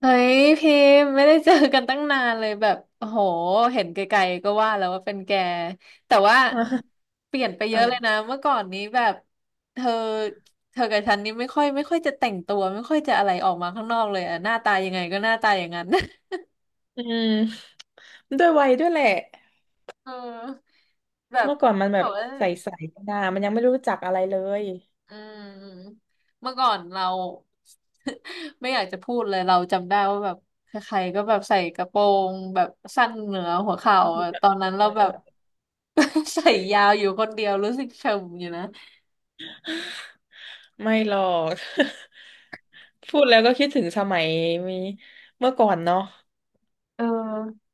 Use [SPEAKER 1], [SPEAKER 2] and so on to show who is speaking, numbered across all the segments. [SPEAKER 1] เฮ้ยพิมพ์ไม่ได้เจอกันตั้งนานเลยแบบโอ้โหเห็นไกลๆก็ว่าแล้วว่าเป็นแกแต่ว่า
[SPEAKER 2] อ่า
[SPEAKER 1] เปลี่ยนไปเยอะเลย
[SPEAKER 2] อ่า
[SPEAKER 1] นะเมื่อก่อนนี้แบบเธอเธอกับฉันนี่ไม่ค่อยจะแต่งตัวไม่ค่อยจะอะไรออกมาข้างนอกเลยอะหน้าตายังไงก็หน้าตาอย่างนั้น
[SPEAKER 2] อืมด้วยวัยด้วยแหละ
[SPEAKER 1] เออแบบ
[SPEAKER 2] เมื่อก่อนมันแบ
[SPEAKER 1] บอ
[SPEAKER 2] บ
[SPEAKER 1] กว่า
[SPEAKER 2] ใสๆกันะมันยังไม่รู้จักอะไรเลย
[SPEAKER 1] อืมเมื่อก่อนเรา ไม่อยากจะพูดเลยเราจำได้ว่าแบบใครๆก็แบบใส่กระโปรงแบบสั้นเหนือหัวเข่าอะตอนนั้น
[SPEAKER 2] เอ
[SPEAKER 1] เรา
[SPEAKER 2] อ
[SPEAKER 1] แบ
[SPEAKER 2] เอ
[SPEAKER 1] บ
[SPEAKER 2] อ
[SPEAKER 1] ใส่ยาวอยู่คนเดียวรู้สึกเฉมอยู่นะ
[SPEAKER 2] ไม่หรอก พูดแล้วก็คิดถึงสมัยมีเมื่อก่อนเนาะ
[SPEAKER 1] เออ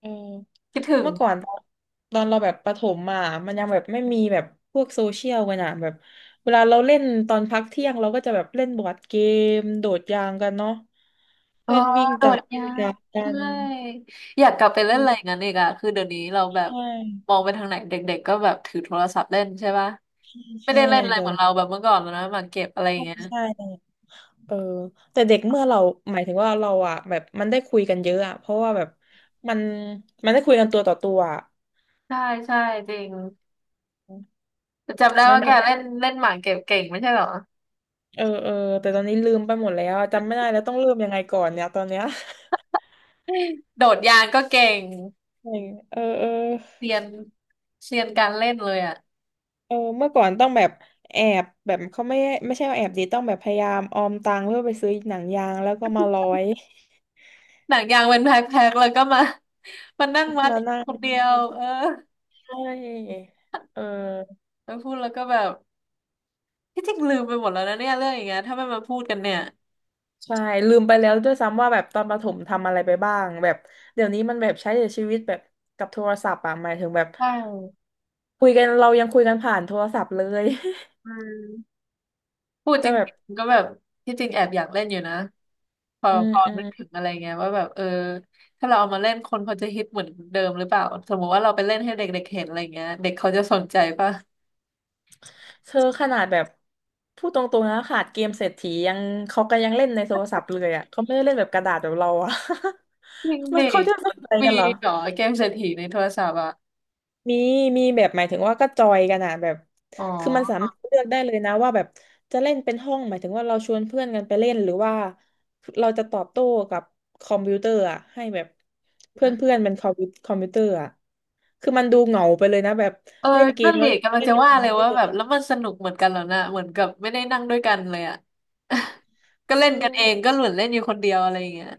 [SPEAKER 2] เออ
[SPEAKER 1] คิดถึง
[SPEAKER 2] เมื่อก่อนตอนเราแบบประถมอ่ะมันยังแบบไม่มีแบบพวกโซเชียลกันอ่ะแบบเวลาเราเล่นตอนพักเที่ยงเราก็จะแบบเล่นบอร์ดเกมโดดยางกันเนาะ
[SPEAKER 1] เออ
[SPEAKER 2] เล่นวิ่ง
[SPEAKER 1] โด
[SPEAKER 2] จั
[SPEAKER 1] ด
[SPEAKER 2] บเล่
[SPEAKER 1] ยา
[SPEAKER 2] นจั
[SPEAKER 1] ว
[SPEAKER 2] บกั
[SPEAKER 1] ใช่
[SPEAKER 2] น
[SPEAKER 1] อยากกลับไปเล่นอะไรอ
[SPEAKER 2] เอ
[SPEAKER 1] ย่าง
[SPEAKER 2] อ
[SPEAKER 1] นั้นอีกอะคือเดี๋ยวนี้เราแบบ
[SPEAKER 2] ใช่
[SPEAKER 1] มองไปทางไหนเด็กๆก็แบบถือโทรศัพท์เล่นใช่ปะไม่
[SPEAKER 2] ใช่
[SPEAKER 1] ได้เล่นอะไร
[SPEAKER 2] เดี๋ย
[SPEAKER 1] เห
[SPEAKER 2] ว
[SPEAKER 1] มือน
[SPEAKER 2] นี้
[SPEAKER 1] เราแบบเมื่อก่อนแล้วนะหมากเก็บอะไรอย่างเงี้ย
[SPEAKER 2] ใช่ เออแต่เด็กเมื่อเราหมายถึงว่าเราอ่ะแบบมันได้คุยกันเยอะอ่ะเพราะว่าแบบมันมันได้คุยกันตัวต่อตัวอะ
[SPEAKER 1] ใช่ใช่จริง จำได้
[SPEAKER 2] ไม่
[SPEAKER 1] ว่า
[SPEAKER 2] เห
[SPEAKER 1] แก
[SPEAKER 2] มือน
[SPEAKER 1] เล่นเล่นหมากเก็บเก่งไม่ใช่เหรอ
[SPEAKER 2] เออเออแต่ตอนนี้ลืมไปหมดแล้วอะจำไม่ได้แล้วต้องเริ่มยังไงก่อนเนี่ยตอนเนี้ย
[SPEAKER 1] โดดยางก็เก่ง
[SPEAKER 2] เออเออเออ
[SPEAKER 1] เรียนเรียนการเล่นเลยอ่ะ
[SPEAKER 2] เออเมื่อก่อนต้องแบบแอบแบบเขาไม่ใช่ว่าแอบดีต้องแบบพยายามออมตังค์เพื่อไปซื้อหนังยางแล้วก็มาร้อย
[SPEAKER 1] หนังยางเป็นแพ็คๆแล้วก็มานั่ง วัด
[SPEAKER 2] มานั่ง
[SPEAKER 1] คนเดียวเออ
[SPEAKER 2] ใช่เออ
[SPEAKER 1] แล้วพูดแล้วก็แบบที่จริงลืมไปหมดแล้วนะเนี่ยเรื่องอย่างเงี้ยถ้าไม่มาพูดกันเนี่ย
[SPEAKER 2] ใช่ลืมไปแล้วด้วยซ้ำว่าแบบตอนประถมทำอะไรไปบ้างแบบเดี๋ยวนี้มันแบบใช้ชีวิตแบบกับโทรศัพท์อะหมายถึงแบบ
[SPEAKER 1] ใช่
[SPEAKER 2] คุยกันเรายังคุยกันผ่านโทรศัพท์เลย
[SPEAKER 1] อืมพูด จ
[SPEAKER 2] จะ
[SPEAKER 1] ร
[SPEAKER 2] แบบ
[SPEAKER 1] ิงๆก็แบบที่จริงแอบอยากเล่นอยู่นะพอ
[SPEAKER 2] อืม
[SPEAKER 1] พอ
[SPEAKER 2] อื
[SPEAKER 1] นึ
[SPEAKER 2] ม
[SPEAKER 1] กถึงอะไรเงี้ยว่าแบบเออถ้าเราเอามาเล่นคนเขาจะฮิตเหมือนเดิมหรือเปล่าสมมติว่าเราไปเล่นให้เด็กๆเห็นอะไรเงี้ยเด็กเขาจะสนใจป่ะ
[SPEAKER 2] เธอขนาดแบบพูดตรงๆนะขาดเกมเศรษฐียังเขาก็ยังเล่นในโทรศัพท์เลยอะเขาไม่ได้เล่นแบบกระดาษแบบเราอะ
[SPEAKER 1] จริง
[SPEAKER 2] มั
[SPEAKER 1] ดิ
[SPEAKER 2] นเขาจะสนใจ
[SPEAKER 1] มี
[SPEAKER 2] กันเหรอ
[SPEAKER 1] เหรอเกมเศรษฐีในโทรศัพท์อ่ะ
[SPEAKER 2] มีมีแบบหมายถึงว่าก็จอยกันอะแบบ
[SPEAKER 1] อ๋
[SPEAKER 2] คือมันสามา
[SPEAKER 1] อ
[SPEAKER 2] รถเลือกได้เลยนะว่าแบบจะเล่นเป็นห้องหมายถึงว่าเราชวนเพื่อนกันไปเล่นหรือว่าเราจะตอบโต้กับคอมพิวเตอร์อะให้แบบเพื่อนเพื่อนเป็นคอมพิวเตอร์อะคือมันดูเหงาไปเลยนะแบบ
[SPEAKER 1] เออ
[SPEAKER 2] เล่นเก
[SPEAKER 1] นั่
[SPEAKER 2] ม
[SPEAKER 1] น
[SPEAKER 2] แล้
[SPEAKER 1] ดิ
[SPEAKER 2] ว
[SPEAKER 1] กำลัง
[SPEAKER 2] เล่น
[SPEAKER 1] จะ
[SPEAKER 2] กับค
[SPEAKER 1] ว่า
[SPEAKER 2] อม
[SPEAKER 1] เล
[SPEAKER 2] พิ
[SPEAKER 1] ย
[SPEAKER 2] วเตอ
[SPEAKER 1] ว่า
[SPEAKER 2] ร์
[SPEAKER 1] แบบแล้วมันสนุกเหมือนกันแล้วนะเหมือนกับไม่ได้นั่งด้วยกันเลยอ่ะ ก็เล่
[SPEAKER 2] เอ
[SPEAKER 1] นกัน
[SPEAKER 2] อ
[SPEAKER 1] เองก็เหมือนเล่นอยู่คนเดียวอะไรอย่างเงี้ย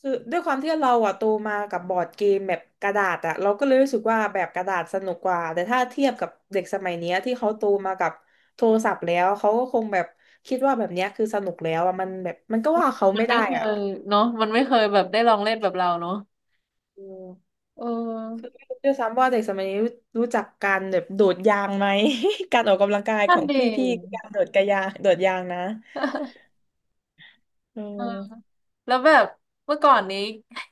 [SPEAKER 2] คือด้วยความที่เราอะโตมากับบอร์ดเกมแบบกระดาษอะเราก็เลยรู้สึกว่าแบบกระดาษสนุกกว่าแต่ถ้าเทียบกับเด็กสมัยเนี้ยที่เขาโตมากับโทรศัพท์แล้วเขาก็คงแบบคิดว่าแบบเนี้ยคือสนุกแล้วอะมันแบบมันก็ว่าเขา
[SPEAKER 1] มัน
[SPEAKER 2] ไม่
[SPEAKER 1] ไม่
[SPEAKER 2] ได้
[SPEAKER 1] เค
[SPEAKER 2] อะ
[SPEAKER 1] ยเนาะมันไม่เคยแบบได้ลองเล่นแบบเราเนาะ
[SPEAKER 2] อืม
[SPEAKER 1] เอ
[SPEAKER 2] คือ
[SPEAKER 1] อ
[SPEAKER 2] ไม่รู้ด้วยซ้ำว่าเด็กสมัยนี้รู้จักการแบบโดดยางไหม การออกกำลังกายข
[SPEAKER 1] นั่น
[SPEAKER 2] อง
[SPEAKER 1] ดิ
[SPEAKER 2] พี่พี่คือการโดดกระยางโดดยางนะ อื
[SPEAKER 1] เออ
[SPEAKER 2] ม
[SPEAKER 1] แล้วแบบเมื่อก่อนนี้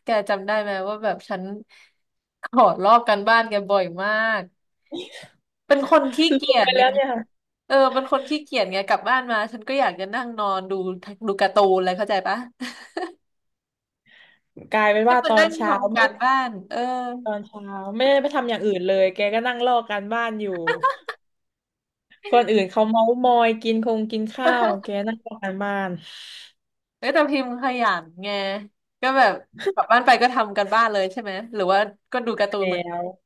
[SPEAKER 1] แกจำได้ไหมว่าแบบฉันขอลอกกันบ้านแกบ่อยมากเป็นคนขี้
[SPEAKER 2] ลืม
[SPEAKER 1] เกีย จ
[SPEAKER 2] ไป
[SPEAKER 1] ไง
[SPEAKER 2] แล้วเนี่ย
[SPEAKER 1] เออเป็นคนขี้เกียจไงกลับบ้านมาฉันก็อยากจะนั่งนอนดูดูการ์ตูนอะไรเข้าใจปะ
[SPEAKER 2] กลายเป็น
[SPEAKER 1] ให้
[SPEAKER 2] ว่า
[SPEAKER 1] มา
[SPEAKER 2] ตอน
[SPEAKER 1] นั่ง
[SPEAKER 2] เช้า
[SPEAKER 1] ทำการบ้านเออ
[SPEAKER 2] ตอนเช้าไม่ได้ไปทำอย่างอื่นเลยแกก็นั่งลอกการบ้านอยู่คนอื่นเขาเมาส์มอยกินคงกินข้าวแกนั่งลอกการบ้าน
[SPEAKER 1] เอ้ยแต่พิมพ์ขยันไงก็แบบกลับบ้านไปก็ทำการบ้านเลยใช่ไหมหรือว่าก็ดูการ์ตูน
[SPEAKER 2] แล้
[SPEAKER 1] เหมือน
[SPEAKER 2] ว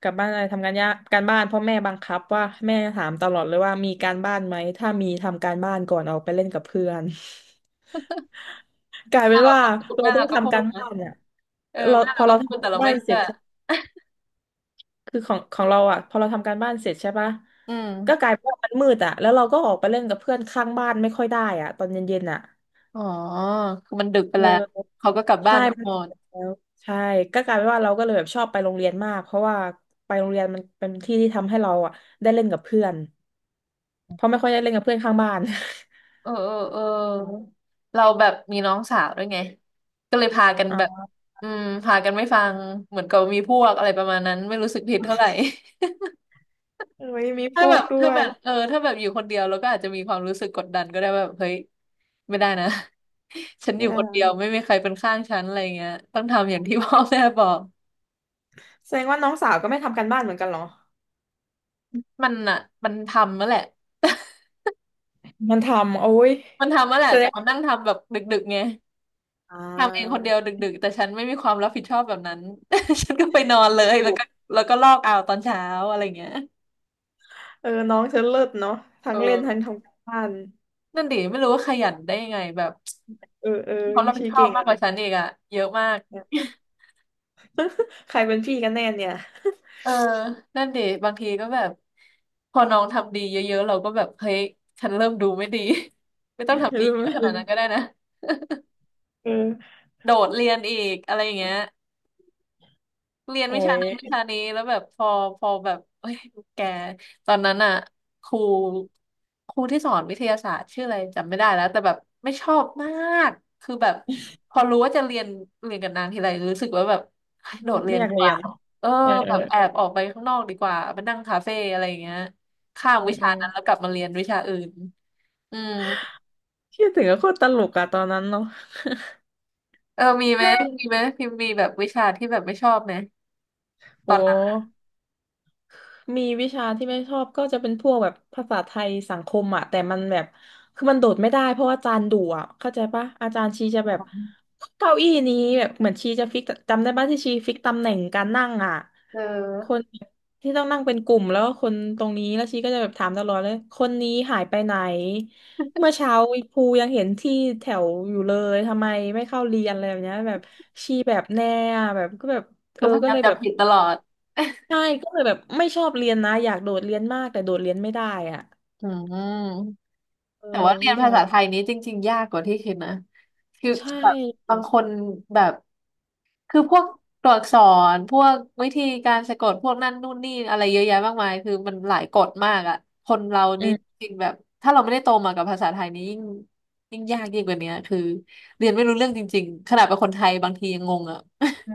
[SPEAKER 2] กลับบ้านอะไรทำการยากการบ้านเพ่อแม่บังคับว่าแม่ถามตลอดเลยว่ามีการบ้านไหมถ้ามีทำการบ้านก่อนออกไปเล่นกับเพื่อน กลายเป็
[SPEAKER 1] แม่
[SPEAKER 2] น
[SPEAKER 1] เรา
[SPEAKER 2] ว่า
[SPEAKER 1] ก็พูด
[SPEAKER 2] เรา
[SPEAKER 1] แม่
[SPEAKER 2] ต้อ
[SPEAKER 1] เรา
[SPEAKER 2] ง
[SPEAKER 1] ก็พู
[SPEAKER 2] ทำกา
[SPEAKER 1] ด
[SPEAKER 2] ร
[SPEAKER 1] นะ
[SPEAKER 2] บ้านเนี่ย
[SPEAKER 1] เออ
[SPEAKER 2] เรา
[SPEAKER 1] แม่
[SPEAKER 2] พอ
[SPEAKER 1] เราก็
[SPEAKER 2] เรา
[SPEAKER 1] พู
[SPEAKER 2] ทำ
[SPEAKER 1] ด
[SPEAKER 2] กา
[SPEAKER 1] แต่
[SPEAKER 2] ร
[SPEAKER 1] เรา
[SPEAKER 2] บ้า
[SPEAKER 1] ไม่
[SPEAKER 2] นเส
[SPEAKER 1] เชื่
[SPEAKER 2] ร็จ
[SPEAKER 1] อ
[SPEAKER 2] ใช่คือของเราอ่ะพอเราทำการบ้านเสร็จใช่ปะ
[SPEAKER 1] อืม
[SPEAKER 2] ก็กลายเป็นว่ามันมืดอ่ะแล้วเราก็ออกไปเล่นกับเพื่อนข้างบ้านไม่ค่อยได้อ่ะตอนเย็นๆอ่ะ
[SPEAKER 1] อ๋อคือมันดึกไป
[SPEAKER 2] เอ
[SPEAKER 1] แล้ว
[SPEAKER 2] อ
[SPEAKER 1] เขาก็กลับบ้า
[SPEAKER 2] ใช่
[SPEAKER 1] นกัน
[SPEAKER 2] มัน
[SPEAKER 1] หม
[SPEAKER 2] ติด
[SPEAKER 1] ด
[SPEAKER 2] แล้วใช่ก็กลายเป็นว่าเราก็เลยแบบชอบไปโรงเรียนมากเพราะว่าไปโรงเรียนมันเป็นที่ที่ทำให้เราอ่ะได้เล่นกับเพื่อนเพราะไม่ค่อยได้เล่นกับเพื่อนข้างบ้าน
[SPEAKER 1] เออเราแบบมีน้องสาวด้วยไงก็เลยพากัน
[SPEAKER 2] อ๋
[SPEAKER 1] แบบ
[SPEAKER 2] อ
[SPEAKER 1] อืมพากันไม่ฟังเหมือนกับมีพวกอะไรประมาณนั้นไม่รู้สึกผิดเท่าไหร่
[SPEAKER 2] เอ้ยมี พ
[SPEAKER 1] ถ้า
[SPEAKER 2] ว
[SPEAKER 1] แบ
[SPEAKER 2] ก
[SPEAKER 1] บ
[SPEAKER 2] ด้
[SPEAKER 1] ถ้า
[SPEAKER 2] ว
[SPEAKER 1] แบ
[SPEAKER 2] ย
[SPEAKER 1] บเออถ้าแบบอยู่คนเดียวเราก็อาจจะมีความรู้สึกกดดันก็ได้ว่าแบบเฮ้ยไม่ได้นะ ฉันอ
[SPEAKER 2] ไม่
[SPEAKER 1] ยู่
[SPEAKER 2] ได้
[SPEAKER 1] คน
[SPEAKER 2] นะ
[SPEAKER 1] เดียวไม่มีใครเป็นข้างฉันอะไรเงี้ยต้องทำอย่างที่พ่อแม่บอก
[SPEAKER 2] แสดงว่าน้องสาวก็ไม่ทำการบ้านเหมือนกันเหรอ
[SPEAKER 1] มันอ่ะมันทำมาแหละ
[SPEAKER 2] มันทำโอ้ย
[SPEAKER 1] มันทำมาแหละ
[SPEAKER 2] แสด
[SPEAKER 1] แต่
[SPEAKER 2] ง
[SPEAKER 1] มัน
[SPEAKER 2] ว่า
[SPEAKER 1] นั่งทำแบบดึกๆไง
[SPEAKER 2] อ่
[SPEAKER 1] ทำเองคน
[SPEAKER 2] า
[SPEAKER 1] เดียวดึกๆแต่ฉันไม่มีความรับผิดชอบแบบนั้น ฉันก็ไปนอนเลยแล้
[SPEAKER 2] ถู
[SPEAKER 1] ว
[SPEAKER 2] ก
[SPEAKER 1] ก็แล้วก็ลอกเอาตอนเช้าอะไรเงี้ย
[SPEAKER 2] เออน้องเธอเลิศเนาะทั้
[SPEAKER 1] เออ
[SPEAKER 2] งเล่นทั้งทำการบ้าน
[SPEAKER 1] นั่นดิไม่รู้ว่าขยันได้ยังไงแบบ
[SPEAKER 2] เออเออ
[SPEAKER 1] ควารับผิ
[SPEAKER 2] ชี
[SPEAKER 1] ดชอบ
[SPEAKER 2] เก่ง
[SPEAKER 1] มาก
[SPEAKER 2] อะ
[SPEAKER 1] กว่า
[SPEAKER 2] นะ
[SPEAKER 1] ฉันอีกอะเยอะมาก
[SPEAKER 2] ใครเป็นพี่กันแน่เนี่ย
[SPEAKER 1] เออ นั่นดิบางทีก็แบบพอน้องทำดีเยอะๆเราก็แบบเฮ้ยฉันเริ่มดูไม่ดี ไม่ต้องทำ ดี
[SPEAKER 2] รู้
[SPEAKER 1] เย
[SPEAKER 2] ไหม
[SPEAKER 1] อะขนาดนั้นก็ได้นะ
[SPEAKER 2] เออ
[SPEAKER 1] โดดเรียนอีกอะไรอย่างเงี้ย เรียน
[SPEAKER 2] โอ้
[SPEAKER 1] วิชา
[SPEAKER 2] ย
[SPEAKER 1] นั้นวิชานี้แล้วแบบพอแบบเอ้ยแกตอนนั้นอ่ะครูครูที่สอนวิทยาศาสตร์ชื่ออะไรจำไม่ได้แล้วแต่แบบไม่ชอบมากคือแบบพอรู้ว่าจะเรียนกับนางทีไรรู้สึกว่าแบบเฮ้ยโดดเรีย
[SPEAKER 2] ไม่
[SPEAKER 1] น
[SPEAKER 2] อยา
[SPEAKER 1] ดี
[SPEAKER 2] ก
[SPEAKER 1] ก
[SPEAKER 2] เรีย
[SPEAKER 1] ว่า
[SPEAKER 2] น
[SPEAKER 1] เออ
[SPEAKER 2] เออเอ
[SPEAKER 1] แบบแอบ
[SPEAKER 2] อ
[SPEAKER 1] ออกไปข้างนอกดีกว่าไปนั่งคาเฟ่อะไรอย่างเงี้ยข้าม
[SPEAKER 2] เอ
[SPEAKER 1] วิ
[SPEAKER 2] อเอ
[SPEAKER 1] ชา
[SPEAKER 2] อ
[SPEAKER 1] นั้นแล้วกลับมาเรียนวิชาอื่นอืม
[SPEAKER 2] ที่ถึงก็โคตรตลกอะตอนนั้นเนาะ
[SPEAKER 1] เออมีไหมพิมพ์มีแบบวิชาที่แบบไม่ชอบไหม
[SPEAKER 2] โอ
[SPEAKER 1] ตอนนั้น
[SPEAKER 2] ้ มีวิชาที่ไม่ชอบก็จะเป็นพวกแบบภาษาไทยสังคมอ่ะแต่มันแบบคือมันโดดไม่ได้เพราะว่าอาจารย์ดุอ่ะเข้าใจปะอาจารย์ชีจะแบบเก้าอี้นี้แบบเหมือนชีจะฟิกจำได้ปะที่ชีฟิกตำแหน่งการนั่งอ่ะ
[SPEAKER 1] เอ
[SPEAKER 2] คน
[SPEAKER 1] อ
[SPEAKER 2] ที่ต้องนั่งเป็นกลุ่มแล้วก็คนตรงนี้แล้วชีก็จะแบบถามตลอดเลยคนนี้หายไปไหนเมื่อเช้าครูยังเห็นที่แถวอยู่เลยทำไมไม่เข้าเรียนอะไรแบบเนี้ยแบบชีแบบแน่อะแบบก็แบบเอ
[SPEAKER 1] คือ
[SPEAKER 2] อ
[SPEAKER 1] พยา
[SPEAKER 2] ก็
[SPEAKER 1] ยาม
[SPEAKER 2] เลย
[SPEAKER 1] จะ
[SPEAKER 2] แบบ
[SPEAKER 1] ผิดตลอด
[SPEAKER 2] ใช่ก็เลยแบบไม่ชอบเรียนนะอยากโดดเรียนมากแต่โดดเรียนไม่ได้อ่ะ
[SPEAKER 1] อืม
[SPEAKER 2] เออ
[SPEAKER 1] แต่ว่าเรียน
[SPEAKER 2] วิ
[SPEAKER 1] ภา
[SPEAKER 2] ชา
[SPEAKER 1] ษา
[SPEAKER 2] แบบ
[SPEAKER 1] ไทยนี้จริงๆ ยากกว่าที่คิดนะคือ
[SPEAKER 2] ใช่
[SPEAKER 1] แบบบางคนแบบคือพวกตัวอักษรพวกวิธีการสะกดพวกนั่นนู่นนี่อะไรเยอะแยะมากมายคือมันหลายกฎมากอ่ะคนเรานี่
[SPEAKER 2] อื
[SPEAKER 1] จริงแบบถ้าเราไม่ได้โตมากับภาษาไทยนี้ยิ่งยากยิ่งกว่านี้คือเรียนไม่รู้เรื่องจริงๆขนาดเป็นคนไทยบางทียังงงอ่ะ
[SPEAKER 2] ใช่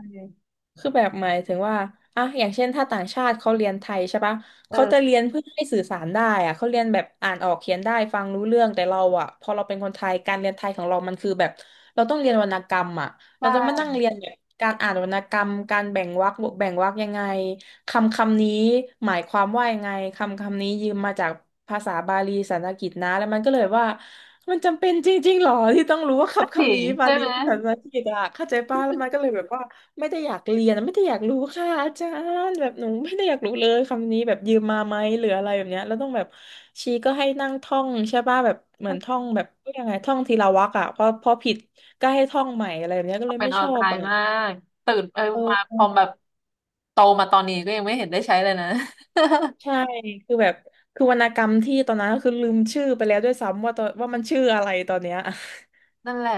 [SPEAKER 2] คือแบบหมายถึงว่าอ่ะอย่างเช่นถ้าต่างชาติเขาเรียนไทยใช่ปะ
[SPEAKER 1] เอ
[SPEAKER 2] เขาจะเรี
[SPEAKER 1] อ
[SPEAKER 2] ยนเพื่อให้สื่อสารได้อะเขาเรียนแบบอ่านออกเขียนได้ฟังรู้เรื่องแต่เราอะพอเราเป็นคนไทยการเรียนไทยของเรามันคือแบบเราต้องเรียนวรรณกรรมอะ
[SPEAKER 1] ใช
[SPEAKER 2] เราต้องมานั่ง
[SPEAKER 1] ่
[SPEAKER 2] เรียนแบบการอ่านวรรณกรรมการแบ่งวรรคแบ่งวรรคยังไงคำคำนี้หมายความว่ายังไงคำคำนี้ยืมมาจากภาษาบาลีสันสกฤตนะแล้วมันก็เลยว่า มันจำเป็นจริงๆหรอที่ต้องรู้ว่า
[SPEAKER 1] ก็
[SPEAKER 2] คำ
[SPEAKER 1] สิ
[SPEAKER 2] คำนี้มา
[SPEAKER 1] ใช่
[SPEAKER 2] ลี
[SPEAKER 1] ไหม
[SPEAKER 2] ภาษาอังกฤษอะเข้าใจป้าแล้วมันก็เลยแบบว่าไม่ได้อยากเรียนไม่ได้อยากรู้ค่ะอาจารย์แบบหนูไม่ได้อยากรู้เลยคำนี้แบบยืมมาไหมหรืออะไรแบบเนี้ยแล้วต้องแบบชีก็ให้นั่งท่องใช่ป่ะแบบเหมือนท่องแบบยังไงท่องทีละวรรคอะพอผิดก็ให้ท่องใหม่อะไรแบบเนี้ยก็เลย
[SPEAKER 1] เป็น
[SPEAKER 2] ไม่
[SPEAKER 1] เอา
[SPEAKER 2] ชอบ
[SPEAKER 1] ตาย
[SPEAKER 2] อะ
[SPEAKER 1] มากตื่นเออ
[SPEAKER 2] เ
[SPEAKER 1] มาพ
[SPEAKER 2] ออ
[SPEAKER 1] อแบบโตมาตอนนี้ก็ยังไม่เห็นได้ใช้เลยนะ
[SPEAKER 2] ใช่คือแบบคือวรรณกรรมที่ตอนนั้นก็คือลืมชื่อไปแล้วด้วยซ้ำว่าตอนว่ามันชื่ออะไรตอนเนี้ย
[SPEAKER 1] นั่นแหละ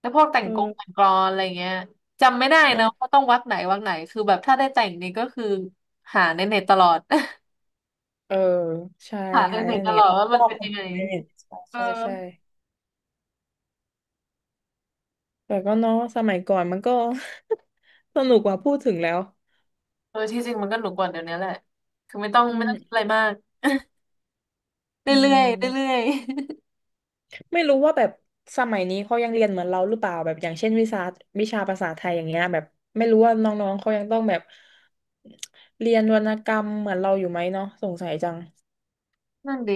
[SPEAKER 1] แล้วพวกแต่งกงแต่งกล อนอะไรเงี้ยจำไม่ได้นะว่า
[SPEAKER 2] เออ
[SPEAKER 1] ต้องวักไหนวักไหนคือแบบถ้าได้แต่งนี่ก็คือหาในเน็ตตลอด
[SPEAKER 2] เออใช่
[SPEAKER 1] หาใน
[SPEAKER 2] หา
[SPEAKER 1] เน็
[SPEAKER 2] ใน
[SPEAKER 1] ตต
[SPEAKER 2] เน็
[SPEAKER 1] ลอ
[SPEAKER 2] ต
[SPEAKER 1] ดว่า
[SPEAKER 2] ล
[SPEAKER 1] มั
[SPEAKER 2] อ
[SPEAKER 1] น
[SPEAKER 2] ก
[SPEAKER 1] เป็น
[SPEAKER 2] ค
[SPEAKER 1] ยั
[SPEAKER 2] น
[SPEAKER 1] งไง
[SPEAKER 2] อื่นในเน็ต
[SPEAKER 1] เออ
[SPEAKER 2] ใช่ใช่แต่ก็เนาะสมัยก่อนมันก็ สนุกกว่าพูดถึงแล้ว
[SPEAKER 1] เออที่จริงมันก็หนุกกว่าเดี๋ยวนี้แหละคือไม่ต้อง
[SPEAKER 2] อื
[SPEAKER 1] ไม่ต้องคิดอะ
[SPEAKER 2] ม
[SPEAKER 1] ไรมาก
[SPEAKER 2] อื
[SPEAKER 1] เรื่อยๆเรื่อ
[SPEAKER 2] ม
[SPEAKER 1] ย
[SPEAKER 2] ไม่รู้ว่าแบบสมัยนี้เขายังเรียนเหมือนเราหรือเปล่าแบบอย่างเช่นวิชาวิชาภาษาไทยอย่างเงี้ยแบบไม่รู้ว่าน้องๆเขายังต้องแบบเรียนวรรณกรรมเหมือนเราอยู่ไหมเนาะสงสัยจัง
[SPEAKER 1] นั่นดี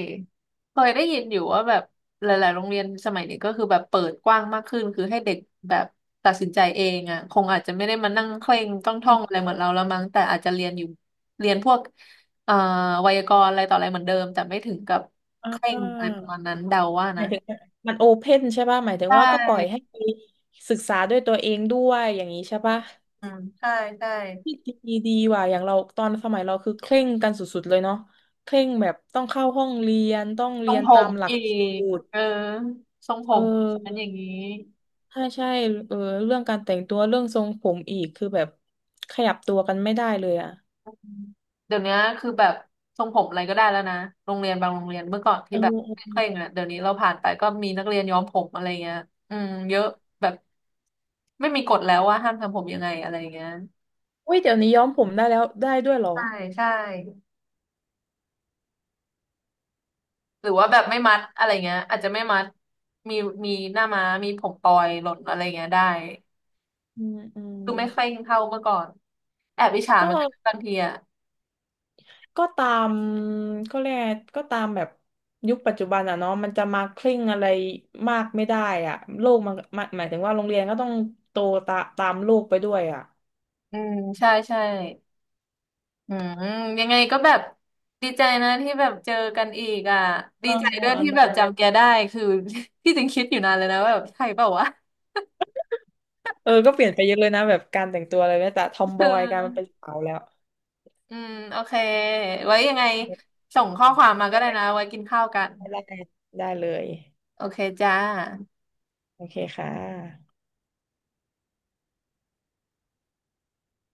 [SPEAKER 1] เคยได้ยินอยู่ว่าแบบหลายๆโรงเรียนสมัยนี้ก็คือแบบเปิดกว้างมากขึ้นคือให้เด็กแบบตัดสินใจเองอ่ะคงอาจจะไม่ได้มานั่งเคร่งต้องท่
[SPEAKER 2] อ
[SPEAKER 1] องอะไร
[SPEAKER 2] อ
[SPEAKER 1] เหมือนเราแล้วมั้งแต่อาจจะเรียนอยู่เรียนพวกเอ่อไวยากรณ์อะไรต่ออะไรเหมือนเดิมแต่ไม่ถึงกับ
[SPEAKER 2] อ่
[SPEAKER 1] เคร่งอะไรป
[SPEAKER 2] า
[SPEAKER 1] ระมาณนั้นเดาว่า
[SPEAKER 2] ห
[SPEAKER 1] นะ
[SPEAKER 2] มายถึงมันโอเพ่นใช่ป่ะหมายถึ
[SPEAKER 1] ใช
[SPEAKER 2] งว่าก็ปล่อยให้
[SPEAKER 1] ่
[SPEAKER 2] ไปศึกษาด้วยตัวเองด้วยอย่างนี้ใช่ป่ะ
[SPEAKER 1] อืมใช่ใช่
[SPEAKER 2] ที่ดีดีว่ะอย่างเราตอนสมัยเราคือเคร่งกันสุดๆเลยเนาะเคร่งแบบต้องเข้าห้องเรียนต้อง
[SPEAKER 1] ทร
[SPEAKER 2] เรี
[SPEAKER 1] ง
[SPEAKER 2] ยน
[SPEAKER 1] ผ
[SPEAKER 2] ตา
[SPEAKER 1] ม
[SPEAKER 2] มหลัก
[SPEAKER 1] อี
[SPEAKER 2] ส
[SPEAKER 1] ก
[SPEAKER 2] ูตร
[SPEAKER 1] เออทรงผ
[SPEAKER 2] เ
[SPEAKER 1] มอันอ
[SPEAKER 2] ออ
[SPEAKER 1] ย่างนี้
[SPEAKER 2] ใช่ใช่เออเรื่องการแต่งตัวเรื่องทรงผมอีกคือแบบขยับตัวกันไม่ได้เลยอ่ะ
[SPEAKER 1] เดี๋ยวนี้คือแบบทรงผมอะไรก็ได้แล้วนะโรงเรียนบางโรงเรียนเมื่อก่อน
[SPEAKER 2] เอ
[SPEAKER 1] ที่
[SPEAKER 2] อ
[SPEAKER 1] แบบ
[SPEAKER 2] เออ
[SPEAKER 1] เคร่งๆอ่ะเดี๋ยวนี้เราผ่านไปก็มีนักเรียนย้อมผมอะไรเงี้ยอืมเยอะแบบไม่มีกฎแล้วว่าห้ามทำผมยังไงอะไรเงี้ย
[SPEAKER 2] อุ้ยเดี๋ยวนี้ย้อมผมได้แล้วได้ด้วยเหรอ
[SPEAKER 1] ใช่ใช่หรือว่าแบบไม่มัดอะไรเงี้ยอาจจะไม่มัดมีมีหน้าม้ามีผมปล่อยหล่นอะไรเงี้ยได้
[SPEAKER 2] อืมอืม
[SPEAKER 1] คือไม่เคร่งเท่าเมื่อก่อนแอบอิจฉา
[SPEAKER 2] ก็
[SPEAKER 1] เหมือนกันบางทีอ่ะ
[SPEAKER 2] ก็ตามก็เรียกไงก็ตามแบบยุคปัจจุบันอ่ะเนาะมันจะมาคลิ่งอะไรมากไม่ได้อ่ะโลกมันหมายหมายถึงว่าโรงเรียนก็ต้องโตตาตามโลกไปด้วยอ่ะ
[SPEAKER 1] อืมใช่ใช่ อืมยังไงก็แบบดีใจนะที่แบบเจอกันอีกอ่ะดี
[SPEAKER 2] อ่า
[SPEAKER 1] ใจ
[SPEAKER 2] อ่า
[SPEAKER 1] ด้วย
[SPEAKER 2] อ่า
[SPEAKER 1] ที่แบ
[SPEAKER 2] ได้
[SPEAKER 1] บจำแกได้คือ ที่จริงคิดอยู่นานเลยนะว่าแบบใช่เปล่าวะ
[SPEAKER 2] เออก็เปลี่ยนไปเยอะเลยนะแบบการแต่งตัวอะไรเนี่ยแต่ทอม
[SPEAKER 1] เ
[SPEAKER 2] บอยกลายมาเป็น
[SPEAKER 1] ออ
[SPEAKER 2] สาวแล้ว
[SPEAKER 1] อืมโอเคไว้ยังไงส่งข้อความมา
[SPEAKER 2] ได
[SPEAKER 1] ก็ได้
[SPEAKER 2] ้
[SPEAKER 1] นะไว้กินข้าวกัน
[SPEAKER 2] ได้ได้เลย
[SPEAKER 1] โอเคจ้า
[SPEAKER 2] โอเคค่ะ